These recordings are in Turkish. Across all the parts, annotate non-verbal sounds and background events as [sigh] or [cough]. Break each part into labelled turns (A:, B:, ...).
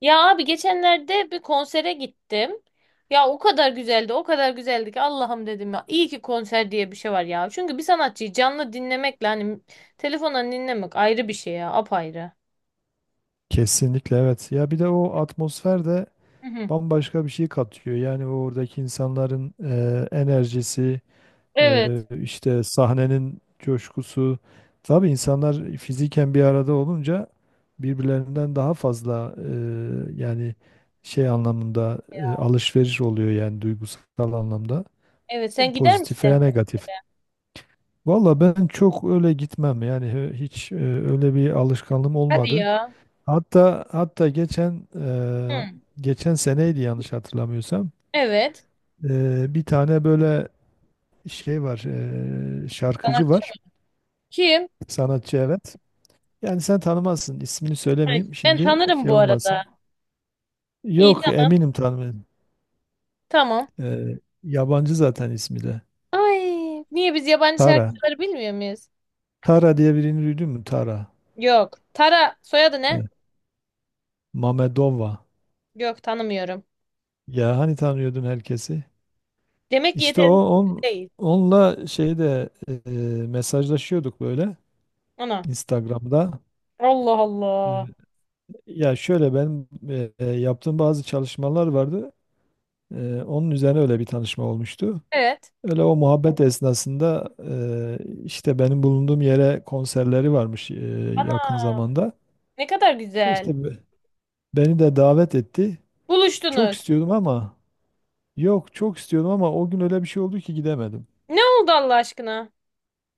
A: Ya abi geçenlerde bir konsere gittim. Ya o kadar güzeldi, o kadar güzeldi ki Allah'ım dedim ya. İyi ki konser diye bir şey var ya. Çünkü bir sanatçıyı canlı dinlemekle hani telefondan dinlemek ayrı bir şey ya, apayrı.
B: Kesinlikle evet. Ya bir de o atmosfer de
A: Hı hı.
B: bambaşka bir şey katıyor. Yani oradaki insanların enerjisi,
A: Evet.
B: işte sahnenin coşkusu. Tabii insanlar fiziken bir arada olunca birbirlerinden daha fazla yani şey anlamında alışveriş oluyor yani duygusal anlamda.
A: Evet, sen gider
B: Pozitif
A: misin?
B: veya negatif. Valla ben çok öyle gitmem yani hiç öyle bir alışkanlığım
A: Hadi
B: olmadı.
A: ya.
B: Hatta geçen
A: Hı.
B: geçen seneydi yanlış hatırlamıyorsam.
A: Evet.
B: Bir tane böyle şey var, şarkıcı
A: Sanatçı mı?
B: var,
A: Kim?
B: sanatçı evet. Yani sen tanımazsın, ismini
A: Evet,
B: söylemeyeyim
A: ben
B: şimdi
A: tanırım
B: şey
A: bu
B: olmasın.
A: arada. İyi,
B: Yok
A: tamam.
B: eminim tanımıyorum.
A: Tamam.
B: Yabancı zaten ismi de.
A: Ay, niye biz yabancı
B: Tara.
A: şarkıcıları bilmiyor muyuz?
B: Tara diye birini duydun mu? Tara.
A: Yok. Tara soyadı ne?
B: Evet. Mamedova.
A: Yok, tanımıyorum.
B: Ya hani tanıyordun herkesi?
A: Demek ki
B: İşte o
A: yeterli değil.
B: onunla şeyde mesajlaşıyorduk böyle.
A: Ana.
B: Instagram'da.
A: Allah
B: Ee,
A: Allah.
B: Ya şöyle ben yaptığım bazı çalışmalar vardı. Onun üzerine öyle bir tanışma olmuştu.
A: Evet.
B: Öyle o muhabbet esnasında işte benim bulunduğum yere konserleri varmış yakın
A: Ana.
B: zamanda.
A: Ne kadar güzel.
B: İşte beni de davet etti. Çok
A: Buluştunuz.
B: istiyordum ama yok çok istiyordum ama o gün öyle bir şey oldu ki gidemedim.
A: Ne oldu Allah aşkına?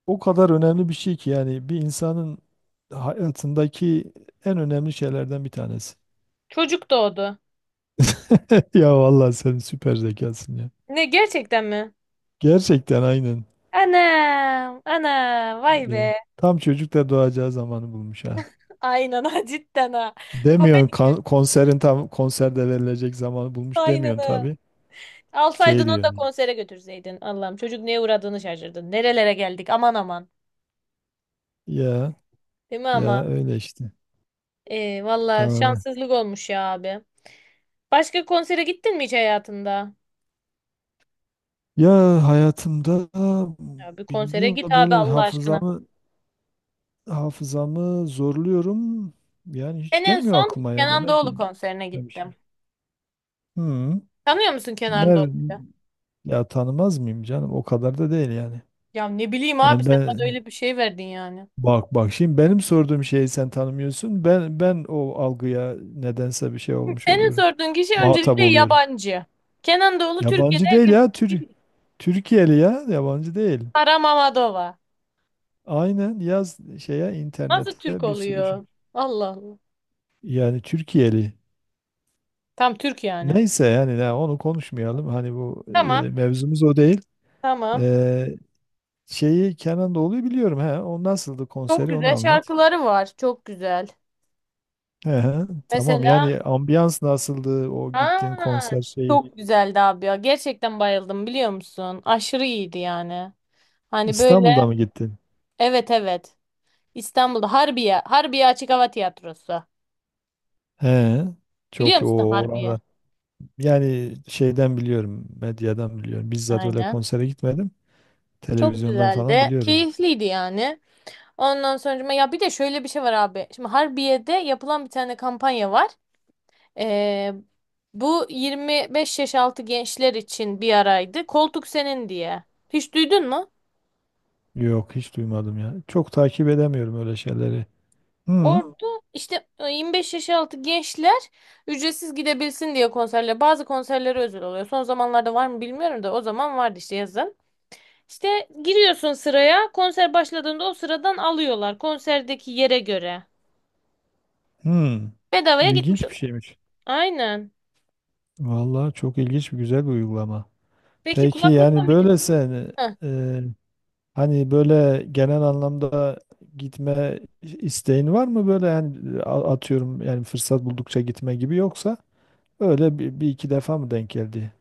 B: O kadar önemli bir şey ki yani bir insanın hayatındaki en önemli şeylerden bir tanesi.
A: Çocuk doğdu.
B: [laughs] Ya vallahi sen süper zekasın ya.
A: Ne, gerçekten mi?
B: Gerçekten aynen.
A: Anam. Ana. Vay
B: Ya,
A: be.
B: tam çocuk da doğacağı zamanı bulmuş ha.
A: Aynen ha, [laughs] cidden ha.
B: Demiyorsun
A: Komedi
B: konserin tam konserde verilecek zamanı bulmuş demiyorsun
A: aynını.
B: tabii.
A: Alsaydın
B: Şey
A: onu da
B: diyorsun.
A: konsere götürseydin. Allah'ım, çocuk neye uğradığını şaşırdın. Nerelere geldik, aman aman.
B: Ya
A: Değil mi ama?
B: ya öyle işte.
A: Valla
B: Tamam.
A: şanssızlık olmuş ya abi. Başka konsere gittin mi hiç hayatında?
B: Ya hayatımda
A: Ya bir konsere
B: bilmiyorum
A: git
B: da
A: abi
B: böyle
A: Allah aşkına.
B: hafızamı zorluyorum. Yani hiç
A: Ben en
B: gelmiyor
A: son
B: aklıma ya
A: Kenan
B: demek
A: Doğulu
B: ki
A: konserine gittim.
B: gitmemişim. Hı.
A: Tanıyor musun Kenan
B: Ne
A: Doğulu'yu?
B: ya tanımaz mıyım canım? O kadar da değil yani.
A: Ya ne bileyim abi,
B: Yani
A: sen bana
B: ben,
A: öyle bir şey verdin yani.
B: bak bak şimdi benim sorduğum şeyi sen tanımıyorsun. Ben o algıya nedense bir şey olmuş
A: Senin
B: oluyorum.
A: sorduğun kişi
B: Muhatap
A: öncelikle
B: oluyorum.
A: yabancı. Kenan Doğulu Türkiye'de
B: Yabancı değil
A: herkes
B: ya
A: bilir.
B: Türkiye'li ya yabancı değil.
A: Sara Mamadova.
B: Aynen yaz şeye
A: Nasıl Türk
B: internete bir sürü şey.
A: oluyor? Allah Allah.
B: Yani Türkiye'li.
A: Tam Türk yani.
B: Neyse yani ya onu konuşmayalım. Hani bu
A: Tamam,
B: mevzumuz o değil.
A: tamam.
B: E, şeyi Kenan Doğulu'yu biliyorum. He, o nasıldı
A: Çok
B: konseri onu
A: güzel
B: anlat.
A: şarkıları var. Çok güzel.
B: He, he, tamam
A: Mesela
B: yani ambiyans nasıldı o gittiğin
A: ha,
B: konser şeyi.
A: çok güzeldi abi ya. Gerçekten bayıldım, biliyor musun? Aşırı iyiydi yani. Hani böyle,
B: İstanbul'da mı gittin?
A: evet evet. İstanbul'da Harbiye, Harbiye Açık Hava Tiyatrosu.
B: He,
A: Biliyor
B: çok o
A: musun Harbiye?
B: orada. Yani şeyden biliyorum, medyadan biliyorum. Bizzat öyle
A: Aynen.
B: konsere gitmedim.
A: Çok
B: Televizyondan falan
A: güzeldi.
B: biliyorum.
A: Keyifliydi yani. Ondan sonra ya bir de şöyle bir şey var abi. Şimdi Harbiye'de yapılan bir tane kampanya var. Ee, Bu 25 yaş altı gençler için bir araydı. Koltuk senin diye. Hiç duydun mu?
B: Yok, hiç duymadım ya. Çok takip edemiyorum öyle şeyleri. Hı,
A: Orada işte 25 yaş altı gençler ücretsiz gidebilsin diye konserler. Bazı konserlere özel oluyor. Son zamanlarda var mı bilmiyorum da o zaman vardı işte yazın. İşte giriyorsun sıraya. Konser başladığında o sıradan alıyorlar. Konserdeki yere göre.
B: hı.
A: Bedavaya gitmiş
B: İlginç bir
A: oluyor.
B: şeymiş.
A: Aynen.
B: Vallahi çok ilginç bir güzel bir uygulama.
A: Peki
B: Peki
A: kulaklıkla
B: yani
A: müzik...
B: böyle sen
A: Heh.
B: e, hani böyle genel anlamda gitme isteğin var mı böyle yani atıyorum yani fırsat buldukça gitme gibi yoksa öyle bir iki defa mı denk geldi?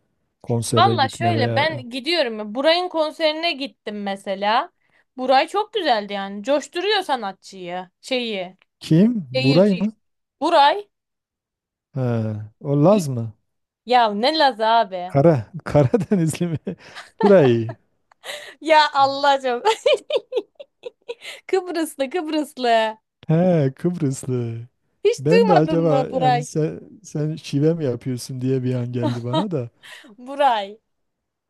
B: Konsere
A: Valla
B: gitme
A: şöyle
B: veya
A: ben gidiyorum. Ya, Buray'ın konserine gittim mesela. Buray çok güzeldi yani. Coşturuyor sanatçıyı. Şeyi.
B: kim? Buray
A: Seyirciyi.
B: mı?
A: Buray.
B: He, o Laz mı?
A: Ya ne Laz abi. [laughs]
B: [laughs] Karadenizli mi? Buray.
A: Ya Allah'ım. [laughs] Kıbrıslı, Kıbrıslı.
B: He, Kıbrıslı.
A: Hiç
B: Ben de
A: duymadın
B: acaba
A: mı
B: yani
A: Buray?
B: sen şive mi yapıyorsun diye bir an geldi bana da.
A: Buray.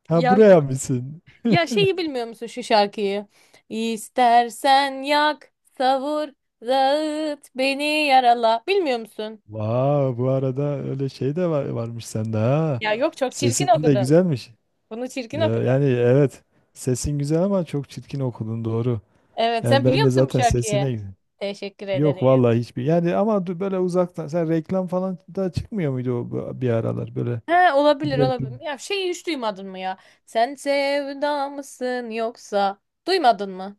B: Ha
A: Ya,
B: buraya mısın?
A: ya
B: [laughs]
A: şeyi bilmiyor musun şu şarkıyı? İstersen yak, savur, dağıt, beni yarala. Bilmiyor musun?
B: Vay bu arada öyle şey de var, varmış sende ha.
A: Ya yok, çok çirkin
B: Sesin de
A: okudu.
B: güzelmiş.
A: Bunu çirkin
B: Ya,
A: okudu.
B: yani evet sesin güzel ama çok çirkin okudun doğru.
A: Evet,
B: Yani
A: sen
B: ben
A: biliyor
B: de
A: musun bu
B: zaten
A: şarkıyı?
B: sesine.
A: Teşekkür ederim.
B: Yok vallahi hiçbir. Yani ama böyle uzaktan sen reklam falan da çıkmıyor muydu o bir aralar böyle?
A: He, olabilir
B: Reklam.
A: olabilir. Ya şeyi hiç duymadın mı ya? Sen sevda mısın yoksa? Duymadın mı?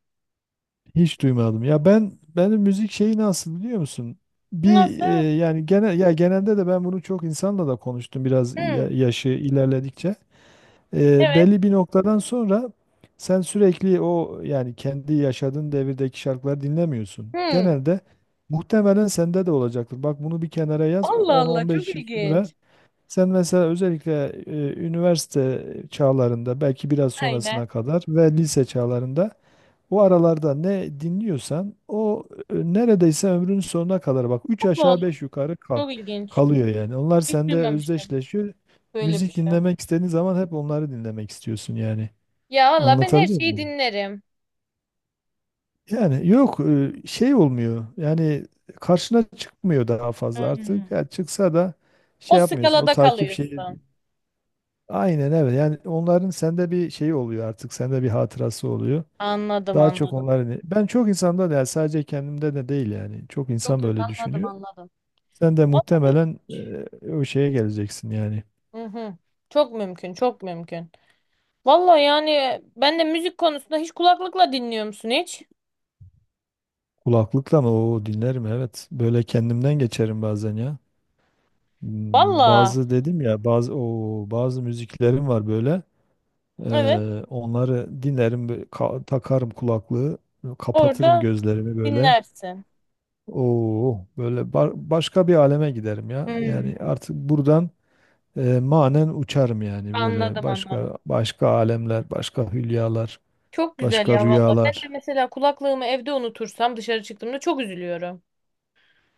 B: Hiç duymadım. Ya ben benim müzik şeyi nasıl biliyor musun? Bir
A: Nasıl?
B: yani genel ya genelde de ben bunu çok insanla da konuştum biraz
A: Hmm.
B: yaşı ilerledikçe. E,
A: Evet.
B: belli bir noktadan sonra sen sürekli o yani kendi yaşadığın devirdeki şarkıları dinlemiyorsun.
A: Hmm.
B: Genelde muhtemelen sende de olacaktır. Bak bunu bir kenara yaz
A: Allah Allah, çok
B: 10-15 yıl sonra.
A: ilginç.
B: Sen mesela özellikle üniversite çağlarında belki biraz
A: Aynen.
B: sonrasına kadar ve lise çağlarında o aralarda ne dinliyorsan o neredeyse ömrünün sonuna kadar bak üç
A: Allah
B: aşağı
A: Allah,
B: 5 yukarı
A: çok ilginç.
B: kalıyor yani. Onlar
A: Hiç
B: sende
A: duymamıştım
B: özdeşleşiyor.
A: böyle bir
B: Müzik
A: şey.
B: dinlemek istediğin zaman hep onları dinlemek istiyorsun yani.
A: Ya valla ben her
B: Anlatabiliyor
A: şeyi
B: muyum?
A: dinlerim.
B: Yani yok şey olmuyor. Yani karşına çıkmıyor daha fazla
A: Hmm.
B: artık. Ya çıksa da şey
A: O
B: yapmıyorsun. O
A: skalada
B: takip şeyi.
A: kalıyorsun.
B: Aynen evet. Yani onların sende bir şey oluyor artık. Sende bir hatırası oluyor.
A: Anladım
B: Daha çok
A: anladım.
B: onların. Ben çok insanda da yani sadece kendimde de değil yani. Çok
A: Yok
B: insan
A: yok,
B: böyle
A: anladım
B: düşünüyor.
A: anladım.
B: Sen de
A: Vallahi-
B: muhtemelen o şeye geleceksin yani.
A: Hı hı. Çok mümkün, çok mümkün. Valla yani ben de müzik konusunda, hiç kulaklıkla dinliyor musun hiç?
B: Kulaklıkla mı? Oo dinlerim evet. Böyle kendimden geçerim bazen ya. Hmm,
A: Valla
B: bazı dedim ya bazı o bazı müziklerim var böyle. E,
A: evet,
B: onları dinlerim, böyle takarım kulaklığı, kapatırım
A: orada
B: gözlerimi böyle.
A: dinlersin.
B: Oo, böyle başka bir aleme giderim ya. Yani
A: Hmm.
B: artık buradan manen uçarım yani böyle
A: Anladım
B: başka
A: anladım.
B: başka alemler, başka hülyalar,
A: Çok güzel
B: başka
A: ya valla. Ben de
B: rüyalar.
A: mesela kulaklığımı evde unutursam dışarı çıktığımda çok üzülüyorum.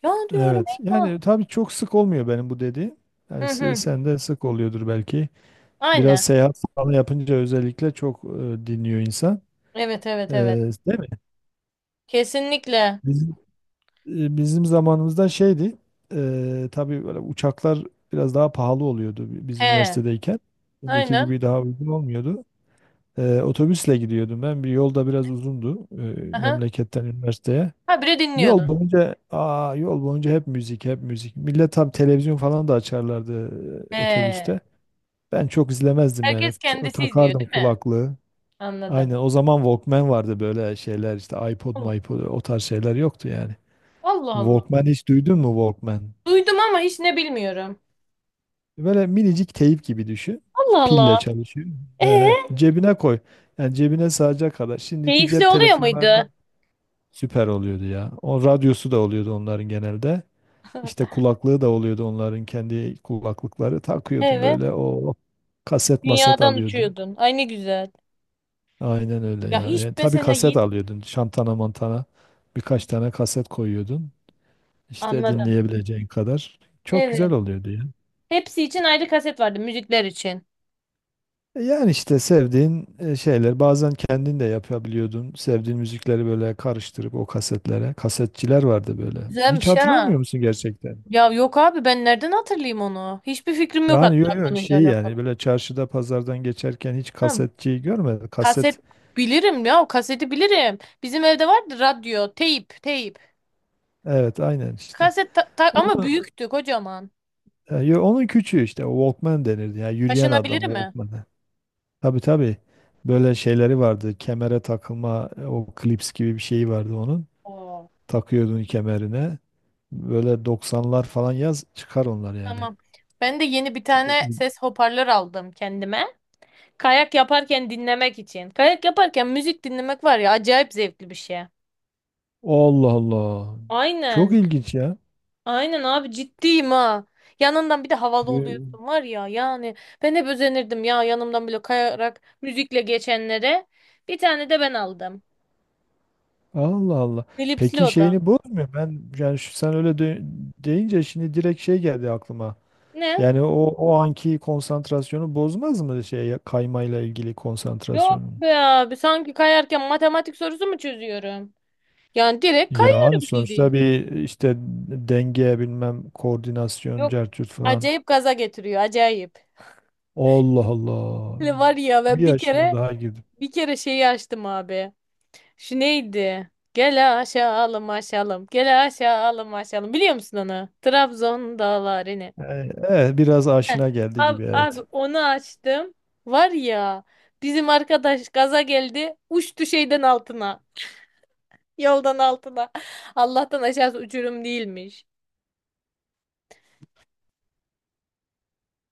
A: Ya diyorum
B: Evet.
A: eyvah.
B: Yani tabii çok sık olmuyor benim bu dediğim. Yani
A: Hı hı.
B: sende sık oluyordur belki. Biraz
A: Aynen.
B: seyahat falan yapınca özellikle çok dinliyor insan.
A: Evet
B: E,
A: evet evet.
B: değil
A: Kesinlikle.
B: mi? Bizim zamanımızda şeydi. Tabii böyle uçaklar biraz daha pahalı oluyordu biz
A: He,
B: üniversitedeyken. Şimdiki
A: aynen.
B: gibi daha uygun olmuyordu. Otobüsle gidiyordum ben. Bir yolda biraz uzundu
A: Aha.
B: memleketten üniversiteye.
A: Ha biri
B: Yol
A: dinliyordu.
B: boyunca aa, yol boyunca hep müzik, hep müzik. Millet tabii televizyon falan da açarlardı
A: He.
B: otobüste. Ben çok izlemezdim yani.
A: Herkes kendisi izliyor
B: Takardım
A: değil mi?
B: kulaklığı.
A: Anladım.
B: Aynen o zaman Walkman vardı böyle şeyler işte
A: Allah
B: iPod o tarz şeyler yoktu yani.
A: Allah. Allah.
B: Walkman hiç duydun mu Walkman?
A: Duydum ama hiç ne bilmiyorum.
B: Böyle minicik teyip gibi düşün.
A: Allah Allah.
B: Pille çalışıyor.
A: Ee,
B: Cebine koy. Yani cebine sığacak kadar. Şimdiki
A: Keyifli
B: cep
A: oluyor
B: telefonlarında
A: muydu?
B: süper oluyordu ya. O radyosu da oluyordu onların genelde. İşte kulaklığı da oluyordu onların kendi kulaklıkları. Takıyordun
A: Evet.
B: böyle o kaset maset
A: Dünyadan
B: alıyordun.
A: uçuyordun. Ay ne güzel.
B: Aynen öyle ya.
A: Ya hiç
B: Yani tabii
A: mesela
B: kaset
A: yeni...
B: alıyordun. Şantana mantana birkaç tane kaset koyuyordun. İşte
A: Anladım.
B: dinleyebileceğin kadar. Çok
A: Evet.
B: güzel oluyordu ya.
A: Hepsi için ayrı kaset vardı müzikler için.
B: Yani işte sevdiğin şeyler bazen kendin de yapabiliyordun. Sevdiğin müzikleri böyle karıştırıp o kasetlere. Kasetçiler vardı böyle. Hiç
A: Güzelmiş ha.
B: hatırlamıyor musun gerçekten?
A: Ya yok abi, ben nereden hatırlayayım onu? Hiçbir fikrim yok
B: Yani
A: hatta
B: yo
A: konuyla
B: şey
A: alakalı.
B: yani böyle çarşıda pazardan geçerken hiç
A: Ha,
B: kasetçiyi görmedim.
A: kaset
B: Kaset
A: bilirim ya, o kaseti bilirim. Bizim evde vardı radyo, teyp, teyp.
B: evet aynen işte.
A: Ama
B: Onu,
A: büyüktü, kocaman.
B: onun küçüğü işte Walkman denirdi. Yani yürüyen
A: Taşınabilir
B: adam
A: mi?
B: Walkman'ı. Tabii tabii. Böyle şeyleri vardı. Kemere takılma o klips gibi bir şeyi vardı onun.
A: Oo.
B: Takıyordun kemerine. Böyle doksanlar falan yaz çıkar onlar yani.
A: Tamam. Ben de yeni bir tane ses hoparlör aldım kendime. Kayak yaparken dinlemek için. Kayak yaparken müzik dinlemek var ya, acayip zevkli bir şey.
B: Allah Allah. Çok
A: Aynen.
B: ilginç ya.
A: Aynen abi, ciddiyim ha. Yanından bir de havalı
B: Yo-
A: oluyorsun var ya yani. Ben hep özenirdim ya, yanımdan bile kayarak müzikle geçenlere. Bir tane de ben aldım.
B: Allah Allah.
A: Elipsli
B: Peki
A: oda.
B: şeyini bozmuyor. Ben yani sen öyle deyince şimdi direkt şey geldi aklıma.
A: Ne?
B: Yani o anki konsantrasyonu bozmaz mı şey kaymayla ilgili
A: Yok
B: konsantrasyonu?
A: be abi. Sanki kayarken matematik sorusu mu çözüyorum? Yani direkt
B: Yani
A: kayıyorum
B: sonuçta
A: bildiğin.
B: bir işte denge bilmem koordinasyon
A: Yok.
B: cercut falan.
A: Acayip gaza getiriyor. Acayip.
B: Allah Allah.
A: Böyle var ya
B: Bir
A: ben bir
B: yaşıma
A: kere,
B: daha girdim.
A: bir kere şeyi açtım abi. Şu neydi? Gel aşağılım aşağılım. Gel aşağılım aşağılım. Biliyor musun onu? Trabzon dağlarını.
B: Evet, biraz
A: Heh.
B: aşina geldi gibi
A: Abi, abi
B: evet.
A: onu açtım. Var ya, bizim arkadaş gaza geldi. Uçtu şeyden altına. Yoldan altına. Allah'tan aşağısı uçurum değilmiş.